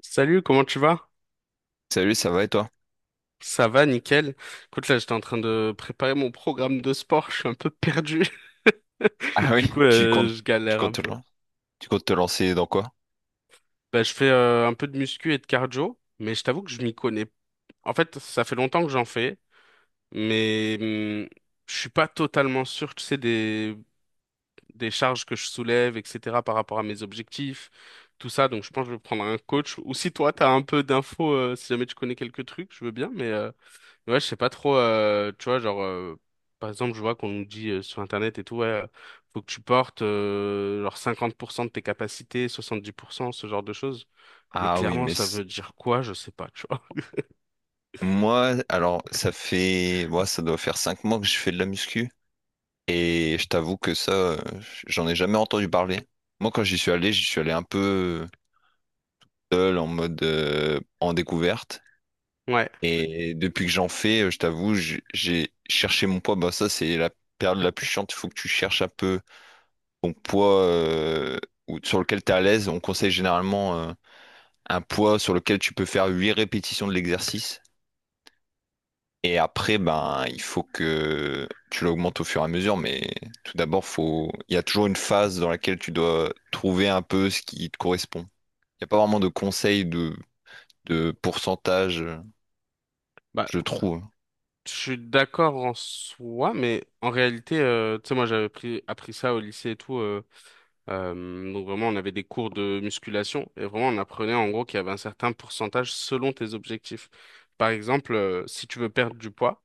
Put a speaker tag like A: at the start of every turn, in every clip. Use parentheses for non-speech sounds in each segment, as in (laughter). A: Salut, comment tu vas?
B: Salut, ça va et toi?
A: Ça va, nickel. Écoute, là, j'étais en train de préparer mon programme de sport, je suis un peu perdu. (laughs)
B: Ah oui,
A: Du coup,
B: tu comptes,
A: je
B: tu
A: galère
B: comptes
A: un
B: te
A: peu.
B: lan- tu comptes te lancer dans quoi?
A: Bah, je fais un peu de muscu et de cardio, mais je t'avoue que je m'y connais. En fait, ça fait longtemps que j'en fais, mais je suis pas totalement sûr, tu sais, des charges que je soulève, etc., par rapport à mes objectifs, tout ça. Donc, je pense que je vais prendre un coach. Ou si toi, t'as un peu d'infos, si jamais tu connais quelques trucs, je veux bien, mais ouais, je sais pas trop, tu vois, genre, par exemple, je vois qu'on nous dit sur Internet et tout, ouais, faut que tu portes genre 50% de tes capacités, 70%, ce genre de choses. Mais
B: Ah oui,
A: clairement,
B: mais
A: ça
B: c-
A: veut dire quoi? Je sais pas, tu vois. (laughs)
B: Moi, alors ça fait, moi ça doit faire 5 mois que je fais de la muscu et je t'avoue que ça, j'en ai jamais entendu parler. Moi, quand j'y suis allé un peu seul en mode en découverte,
A: Ouais,
B: et depuis que j'en fais, je t'avoue, j'ai cherché mon poids. Bah ça, c'est la période la plus chiante. Il faut que tu cherches un peu ton poids sur lequel tu es à l'aise. On conseille généralement. Un poids sur lequel tu peux faire 8 répétitions de l'exercice. Et après, ben, il faut que tu l'augmentes au fur et à mesure, mais tout d'abord, faut... il y a toujours une phase dans laquelle tu dois trouver un peu ce qui te correspond. Il n'y a pas vraiment de conseil de pourcentage,
A: bah,
B: je trouve.
A: je suis d'accord en soi, mais en réalité, tu sais, moi, appris ça au lycée et tout. Donc vraiment, on avait des cours de musculation et vraiment, on apprenait en gros qu'il y avait un certain pourcentage selon tes objectifs. Par exemple, si tu veux perdre du poids,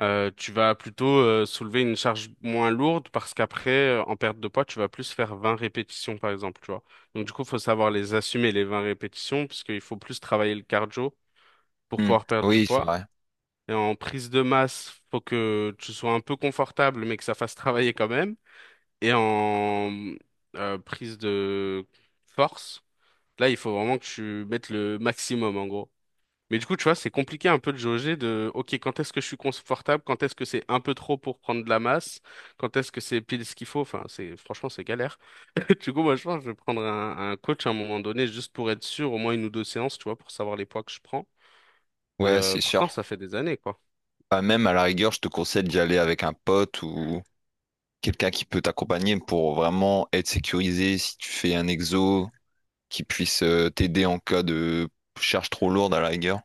A: Tu vas plutôt soulever une charge moins lourde parce qu'après, en perte de poids, tu vas plus faire 20 répétitions, par exemple, tu vois. Donc, du coup, il faut savoir les assumer, les 20 répétitions, parce qu'il faut plus travailler le cardio pour
B: Hmm.
A: pouvoir perdre du
B: Oui, c'est
A: poids.
B: vrai.
A: Et en prise de masse, faut que tu sois un peu confortable, mais que ça fasse travailler quand même. Et en prise de force, là, il faut vraiment que tu mettes le maximum, en gros. Mais du coup, tu vois, c'est compliqué un peu de jauger de, OK, quand est-ce que je suis confortable, quand est-ce que c'est un peu trop pour prendre de la masse, quand est-ce que c'est pile ce qu'il faut. Enfin, franchement, c'est galère. (laughs) Du coup, moi, je pense que je vais prendre un coach à un moment donné, juste pour être sûr, au moins une ou deux séances, tu vois, pour savoir les poids que je prends. Mais
B: Ouais, c'est sûr.
A: pourtant, ça fait des années, quoi.
B: Bah, même à la rigueur, je te conseille d'y aller avec un pote ou quelqu'un qui peut t'accompagner pour vraiment être sécurisé si tu fais un exo, qui puisse t'aider en cas de charge trop lourde à la rigueur.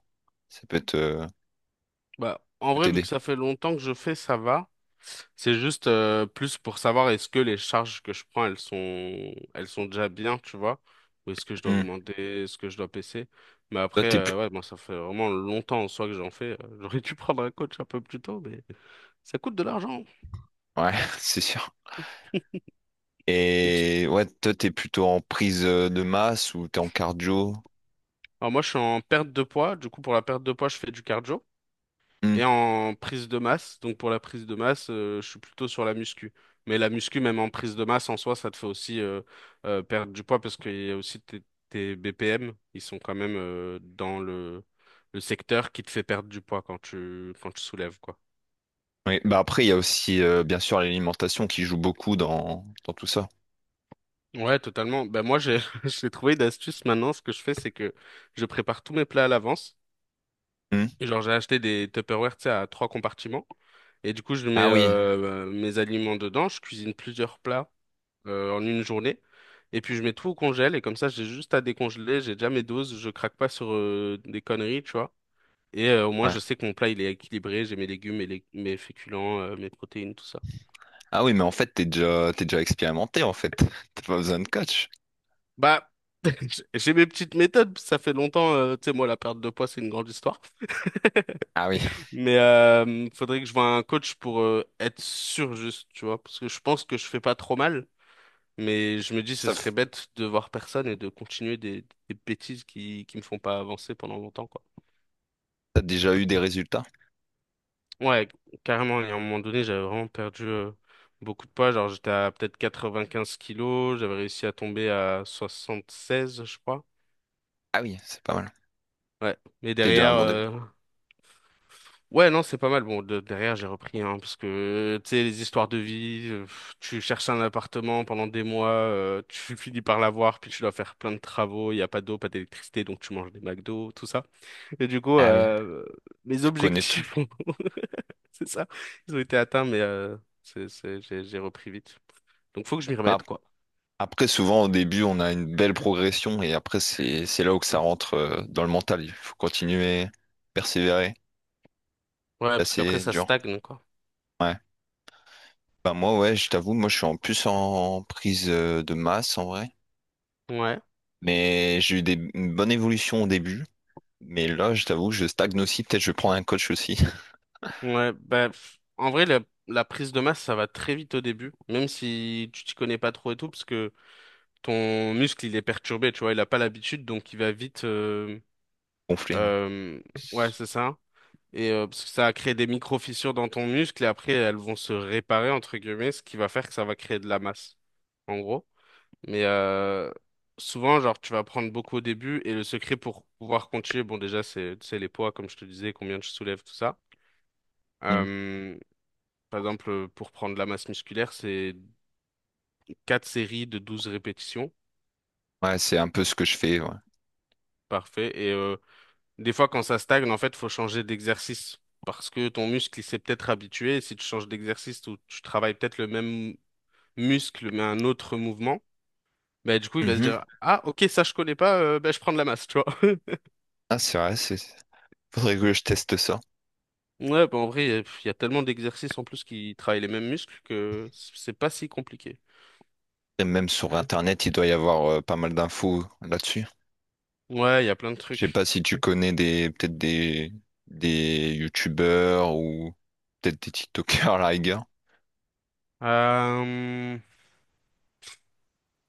B: Ça peut être,
A: Bah, en
B: peut
A: vrai, vu
B: t'aider.
A: que ça fait longtemps que je fais, ça va. C'est juste plus pour savoir est-ce que les charges que je prends, elles sont déjà bien, tu vois, ou est-ce que je dois
B: Hmm.
A: augmenter, est-ce que je dois baisser. Mais
B: Toi,
A: après,
B: t'es plus...
A: ouais, moi, ça fait vraiment longtemps en soi que j'en fais. J'aurais dû (laughs) prendre un coach un peu plus tôt, mais ça coûte de l'argent.
B: Ouais, (laughs) c'est sûr.
A: Et tu-
B: Et ouais, toi, t'es plutôt en prise de masse ou t'es en cardio?
A: Alors moi, je suis en perte de poids. Du coup, pour la perte de poids, je fais du cardio.
B: Hmm.
A: Et en prise de masse, donc pour la prise de masse, je suis plutôt sur la muscu. Mais la muscu, même en prise de masse en soi, ça te fait aussi perdre du poids parce qu'il y a aussi tes BPM, ils sont quand même dans le secteur qui te fait perdre du poids quand quand tu soulèves, quoi.
B: Oui, bah après, il y a aussi, bien sûr, l'alimentation qui joue beaucoup dans, dans tout ça.
A: Ouais, totalement. Ben moi, j'ai (laughs) j'ai trouvé une astuce maintenant. Ce que je fais, c'est que je prépare tous mes plats à l'avance.
B: Hmm.
A: Et genre, j'ai acheté des Tupperware, tu sais, à trois compartiments. Et du coup, je mets
B: Ah oui,
A: mes aliments dedans. Je cuisine plusieurs plats en une journée. Et puis je mets tout au congèle et comme ça j'ai juste à décongeler, j'ai déjà mes doses, je craque pas sur des conneries, tu vois. Et au moins
B: ouais.
A: je sais que mon plat il est équilibré, j'ai mes légumes, mes féculents, mes protéines, tout ça.
B: Ah oui, mais en fait, t'es déjà expérimenté, en fait. (laughs) T'as pas besoin de coach.
A: Bah, (laughs) j'ai mes petites méthodes, ça fait longtemps, tu sais, moi la perte de poids c'est une grande histoire. (laughs)
B: Ah oui.
A: Mais faudrait que je voie un coach pour être sûr juste, tu vois, parce que je pense que je fais pas trop mal. Mais je me dis, ce
B: Ça,
A: serait
B: f-
A: bête de voir personne et de continuer des bêtises qui me font pas avancer pendant longtemps, quoi.
B: T'as déjà eu des résultats?
A: Ouais, carrément. Et à un moment donné, j'avais vraiment perdu beaucoup de poids. Genre, j'étais à peut-être 95 kilos. J'avais réussi à tomber à 76, je crois.
B: Ah oui, c'est pas mal.
A: Ouais. Mais
B: T'es déjà un
A: derrière,
B: bon début.
A: ouais, non, c'est pas mal. Bon, derrière, j'ai repris, hein, parce que, tu sais, les histoires de vie, pff, tu cherches un appartement pendant des mois, tu (laughs) finis par l'avoir, puis tu dois faire plein de travaux. Il n'y a pas d'eau, pas d'électricité, donc tu manges des McDo, tout ça. Et du coup,
B: Ah oui,
A: mes
B: tu connais tout.
A: objectifs (laughs) (laughs) c'est ça. Ils ont été atteints, mais j'ai repris vite. Donc faut que je m'y
B: Bah,
A: remette, quoi.
B: après, souvent, au début, on a une belle progression et après, c'est là où que ça rentre dans le mental. Il faut continuer, persévérer,
A: Ouais, parce qu'après
B: passer
A: ça
B: dur.
A: stagne, quoi.
B: Ouais. Bah, moi, ouais, je t'avoue, moi, je suis en plus en prise de masse en vrai.
A: Ouais,
B: Mais j'ai eu des, une bonne évolution au début. Mais là, je t'avoue, je stagne aussi. Peut-être je vais prendre un coach aussi.
A: ouais. Bah, pff, en vrai, la prise de masse, ça va très vite au début, même si tu t'y connais pas trop et tout, parce que ton muscle, il est perturbé, tu vois, il a pas l'habitude, donc il va vite.
B: (laughs) Gonflé. Ouais.
A: Euh, ouais, c'est ça. Et parce que ça a créé des micro-fissures dans ton muscle, et après, elles vont se réparer, entre guillemets, ce qui va faire que ça va créer de la masse, en gros. Mais souvent, genre, tu vas prendre beaucoup au début et le secret pour pouvoir continuer, bon, déjà, c'est les poids, comme je te disais, combien tu soulèves, tout ça.
B: Hmm.
A: Euh, par exemple, pour prendre de la masse musculaire, c'est 4 séries de 12 répétitions.
B: Ouais, c'est un peu ce que je fais. Ouais.
A: Parfait. Et des fois, quand ça stagne, en fait, faut changer d'exercice parce que ton muscle, il s'est peut-être habitué. Et si tu changes d'exercice ou tu travailles peut-être le même muscle, mais un autre mouvement, bah, du coup, il va se
B: Mhm.
A: dire, ah, ok, ça, je connais pas, bah, je prends de la masse, tu vois.
B: Ah, c'est vrai, c'est... faudrait que je teste ça.
A: Ouais, bah en vrai, il y a tellement d'exercices en plus qui travaillent les mêmes muscles que c'est pas si compliqué.
B: Et même sur Internet, il doit y avoir pas mal d'infos là-dessus.
A: Ouais, il y a plein de
B: Je sais
A: trucs.
B: pas si tu connais des peut-être des YouTubeurs ou peut-être des TikTokers (laughs) à la rigueur.
A: Euh,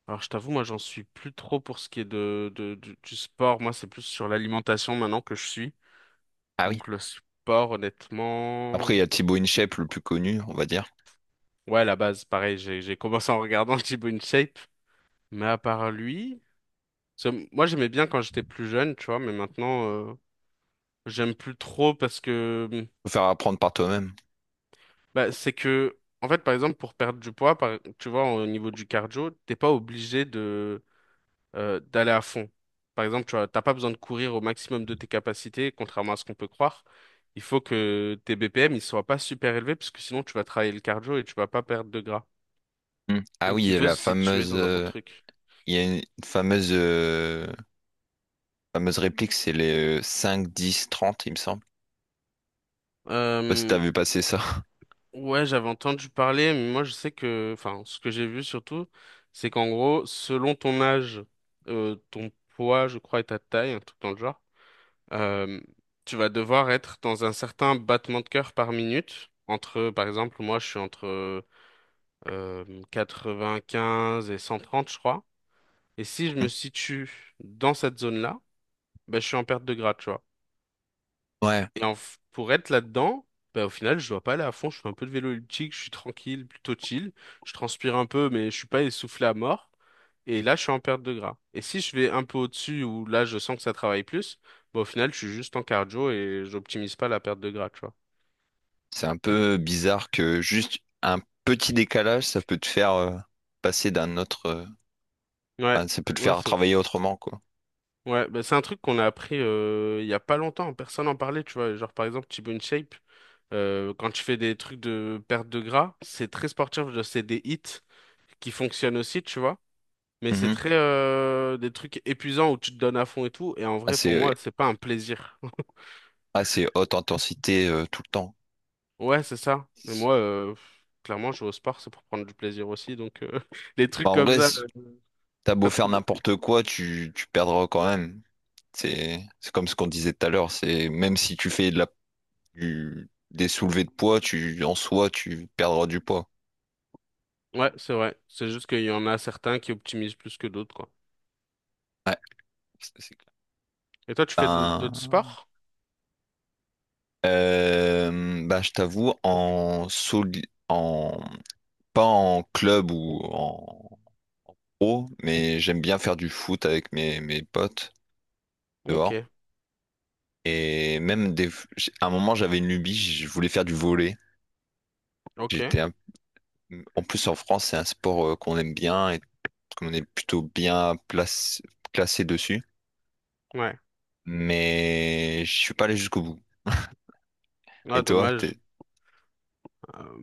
A: Alors, je t'avoue, moi, j'en suis plus trop pour ce qui est du sport. Moi, c'est plus sur l'alimentation maintenant que je suis.
B: Ah oui.
A: Donc, le sport,
B: Après,
A: honnêtement...
B: il y a Thibaut InShape, le plus connu, on va dire.
A: Ouais, la base, pareil, j'ai commencé en regardant (laughs) Thibaut InShape. Mais à part lui... parce que moi, j'aimais bien quand j'étais plus jeune, tu vois, mais maintenant, j'aime plus trop parce que...
B: Faut faire apprendre par toi-même.
A: bah, c'est que, en fait, par exemple, pour perdre du poids, tu vois, au niveau du cardio, t'es pas obligé de d'aller à fond. Par exemple, tu vois, t'as pas besoin de courir au maximum de tes capacités, contrairement à ce qu'on peut croire. Il faut que tes BPM ils soient pas super élevés, parce que sinon tu vas travailler le cardio et tu vas pas perdre de gras.
B: Hmm. Ah oui,
A: Donc
B: il
A: il
B: y a
A: faut
B: la
A: se situer
B: fameuse,
A: dans un bon truc.
B: il y a une fameuse, fameuse réplique, c'est les 5, 10, 30, il me semble. Je sais pas si t'as
A: Euh,
B: vu passer ça. (laughs)
A: ouais, j'avais entendu parler, mais moi je sais que, enfin, ce que j'ai vu surtout, c'est qu'en gros, selon ton âge, ton poids, je crois, et ta taille, un truc dans le genre. Euh, tu vas devoir être dans un certain battement de cœur par minute. Entre, par exemple, moi, je suis entre 95 et 130, je crois. Et si je me
B: Hmm.
A: situe dans cette zone-là, ben, je suis en perte de gras, tu vois.
B: Ouais.
A: Et pour être là-dedans, ben, au final, je dois pas aller à fond. Je fais un peu de vélo elliptique, je suis tranquille, plutôt chill. Je transpire un peu, mais je suis pas essoufflé à mort. Et là, je suis en perte de gras. Et si je vais un peu au-dessus, où là, je sens que ça travaille plus, bah, au final, je suis juste en cardio et j'optimise pas la perte de gras, tu
B: C'est un peu bizarre que juste un petit décalage, ça peut te faire passer d'un autre,
A: Ouais,
B: enfin, ça peut te
A: ouais,
B: faire
A: c'est fou.
B: travailler autrement, quoi.
A: Ouais, bah, c'est un truc qu'on a appris il y a pas longtemps, personne n'en parlait, tu vois. Genre par exemple, T-Bone Shape, quand tu fais des trucs de perte de gras, c'est très sportif, genre, c'est des hits qui fonctionnent aussi, tu vois. Mais c'est
B: Mhm.
A: très des trucs épuisants où tu te donnes à fond et tout. Et en vrai,
B: Assez,
A: pour moi, c'est pas un plaisir. (laughs)
B: assez haute intensité tout le temps.
A: Ouais, c'est ça. Mais moi, pff, clairement, je vais au sport, c'est pour prendre du plaisir aussi. Donc (laughs) les trucs
B: Enfin, en
A: comme
B: vrai,
A: ça,
B: t'as beau
A: pas
B: faire
A: trop bon.
B: n'importe quoi, tu perdras quand même. C'est comme ce qu'on disait tout à l'heure. C'est même si tu fais de la, des soulevés de poids, tu, en soi, tu perdras du poids.
A: Ouais, c'est vrai. C'est juste qu'il y en a certains qui optimisent plus que d'autres, quoi.
B: Ouais, ça, c'est clair.
A: Et toi, tu fais d'autres
B: Ben,
A: sports?
B: ben, je t'avoue, en pas en club ou en pro, mais j'aime bien faire du foot avec mes, mes potes dehors.
A: Ok,
B: Et même des... à un moment, j'avais une lubie, je voulais faire du volley.
A: ok,
B: J'étais un- En plus, en France, c'est un sport qu'on aime bien et qu'on est plutôt bien place... classé dessus.
A: ouais.
B: Mais je suis pas allé jusqu'au bout.
A: Ah,
B: Et toi,
A: dommage.
B: t'es...
A: Euh,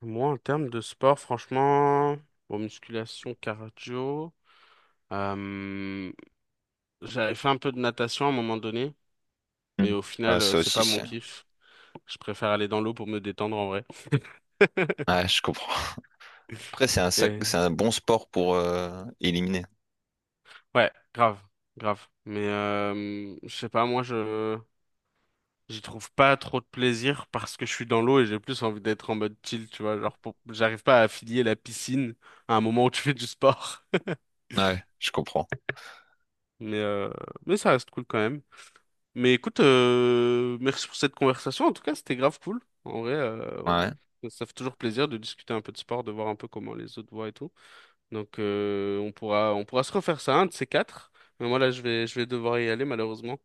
A: moi, en termes de sport, franchement, bon, musculation, cardio, euh, j'avais fait un peu de natation à un moment donné, mais
B: Mm.
A: au
B: Ah,
A: final,
B: ça
A: c'est
B: aussi,
A: pas
B: c'est...
A: mon kiff. Je préfère aller dans l'eau pour me détendre en vrai. (laughs)
B: Ouais, je comprends. Après, c'est un sac... c'est
A: Et-
B: un bon sport pour éliminer.
A: ouais, grave, grave. Mais je sais pas, moi, je j'y trouve pas trop de plaisir parce que je suis dans l'eau et j'ai plus envie d'être en mode chill, tu vois. Genre, j'arrive pas à affilier la piscine à un moment où tu fais du sport.
B: Ouais, je comprends.
A: Mais, euh, mais ça reste cool quand même. Mais écoute, merci pour cette conversation. En tout cas, c'était grave cool. En vrai,
B: Ouais.
A: on- ça fait toujours plaisir de discuter un peu de sport, de voir un peu comment les autres voient et tout. Donc, on pourra se refaire ça, un de ces quatre. Mais moi, là, je vais devoir y aller, malheureusement.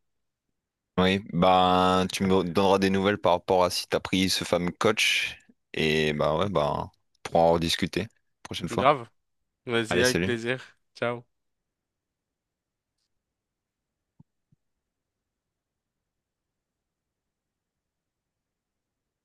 B: Oui, ben, tu me donneras des nouvelles par rapport à si t'as pris ce fameux coach. Et bah ouais, ben, on pourra en rediscuter prochaine fois.
A: Grave. Vas-y,
B: Allez,
A: avec
B: salut.
A: plaisir. Ciao.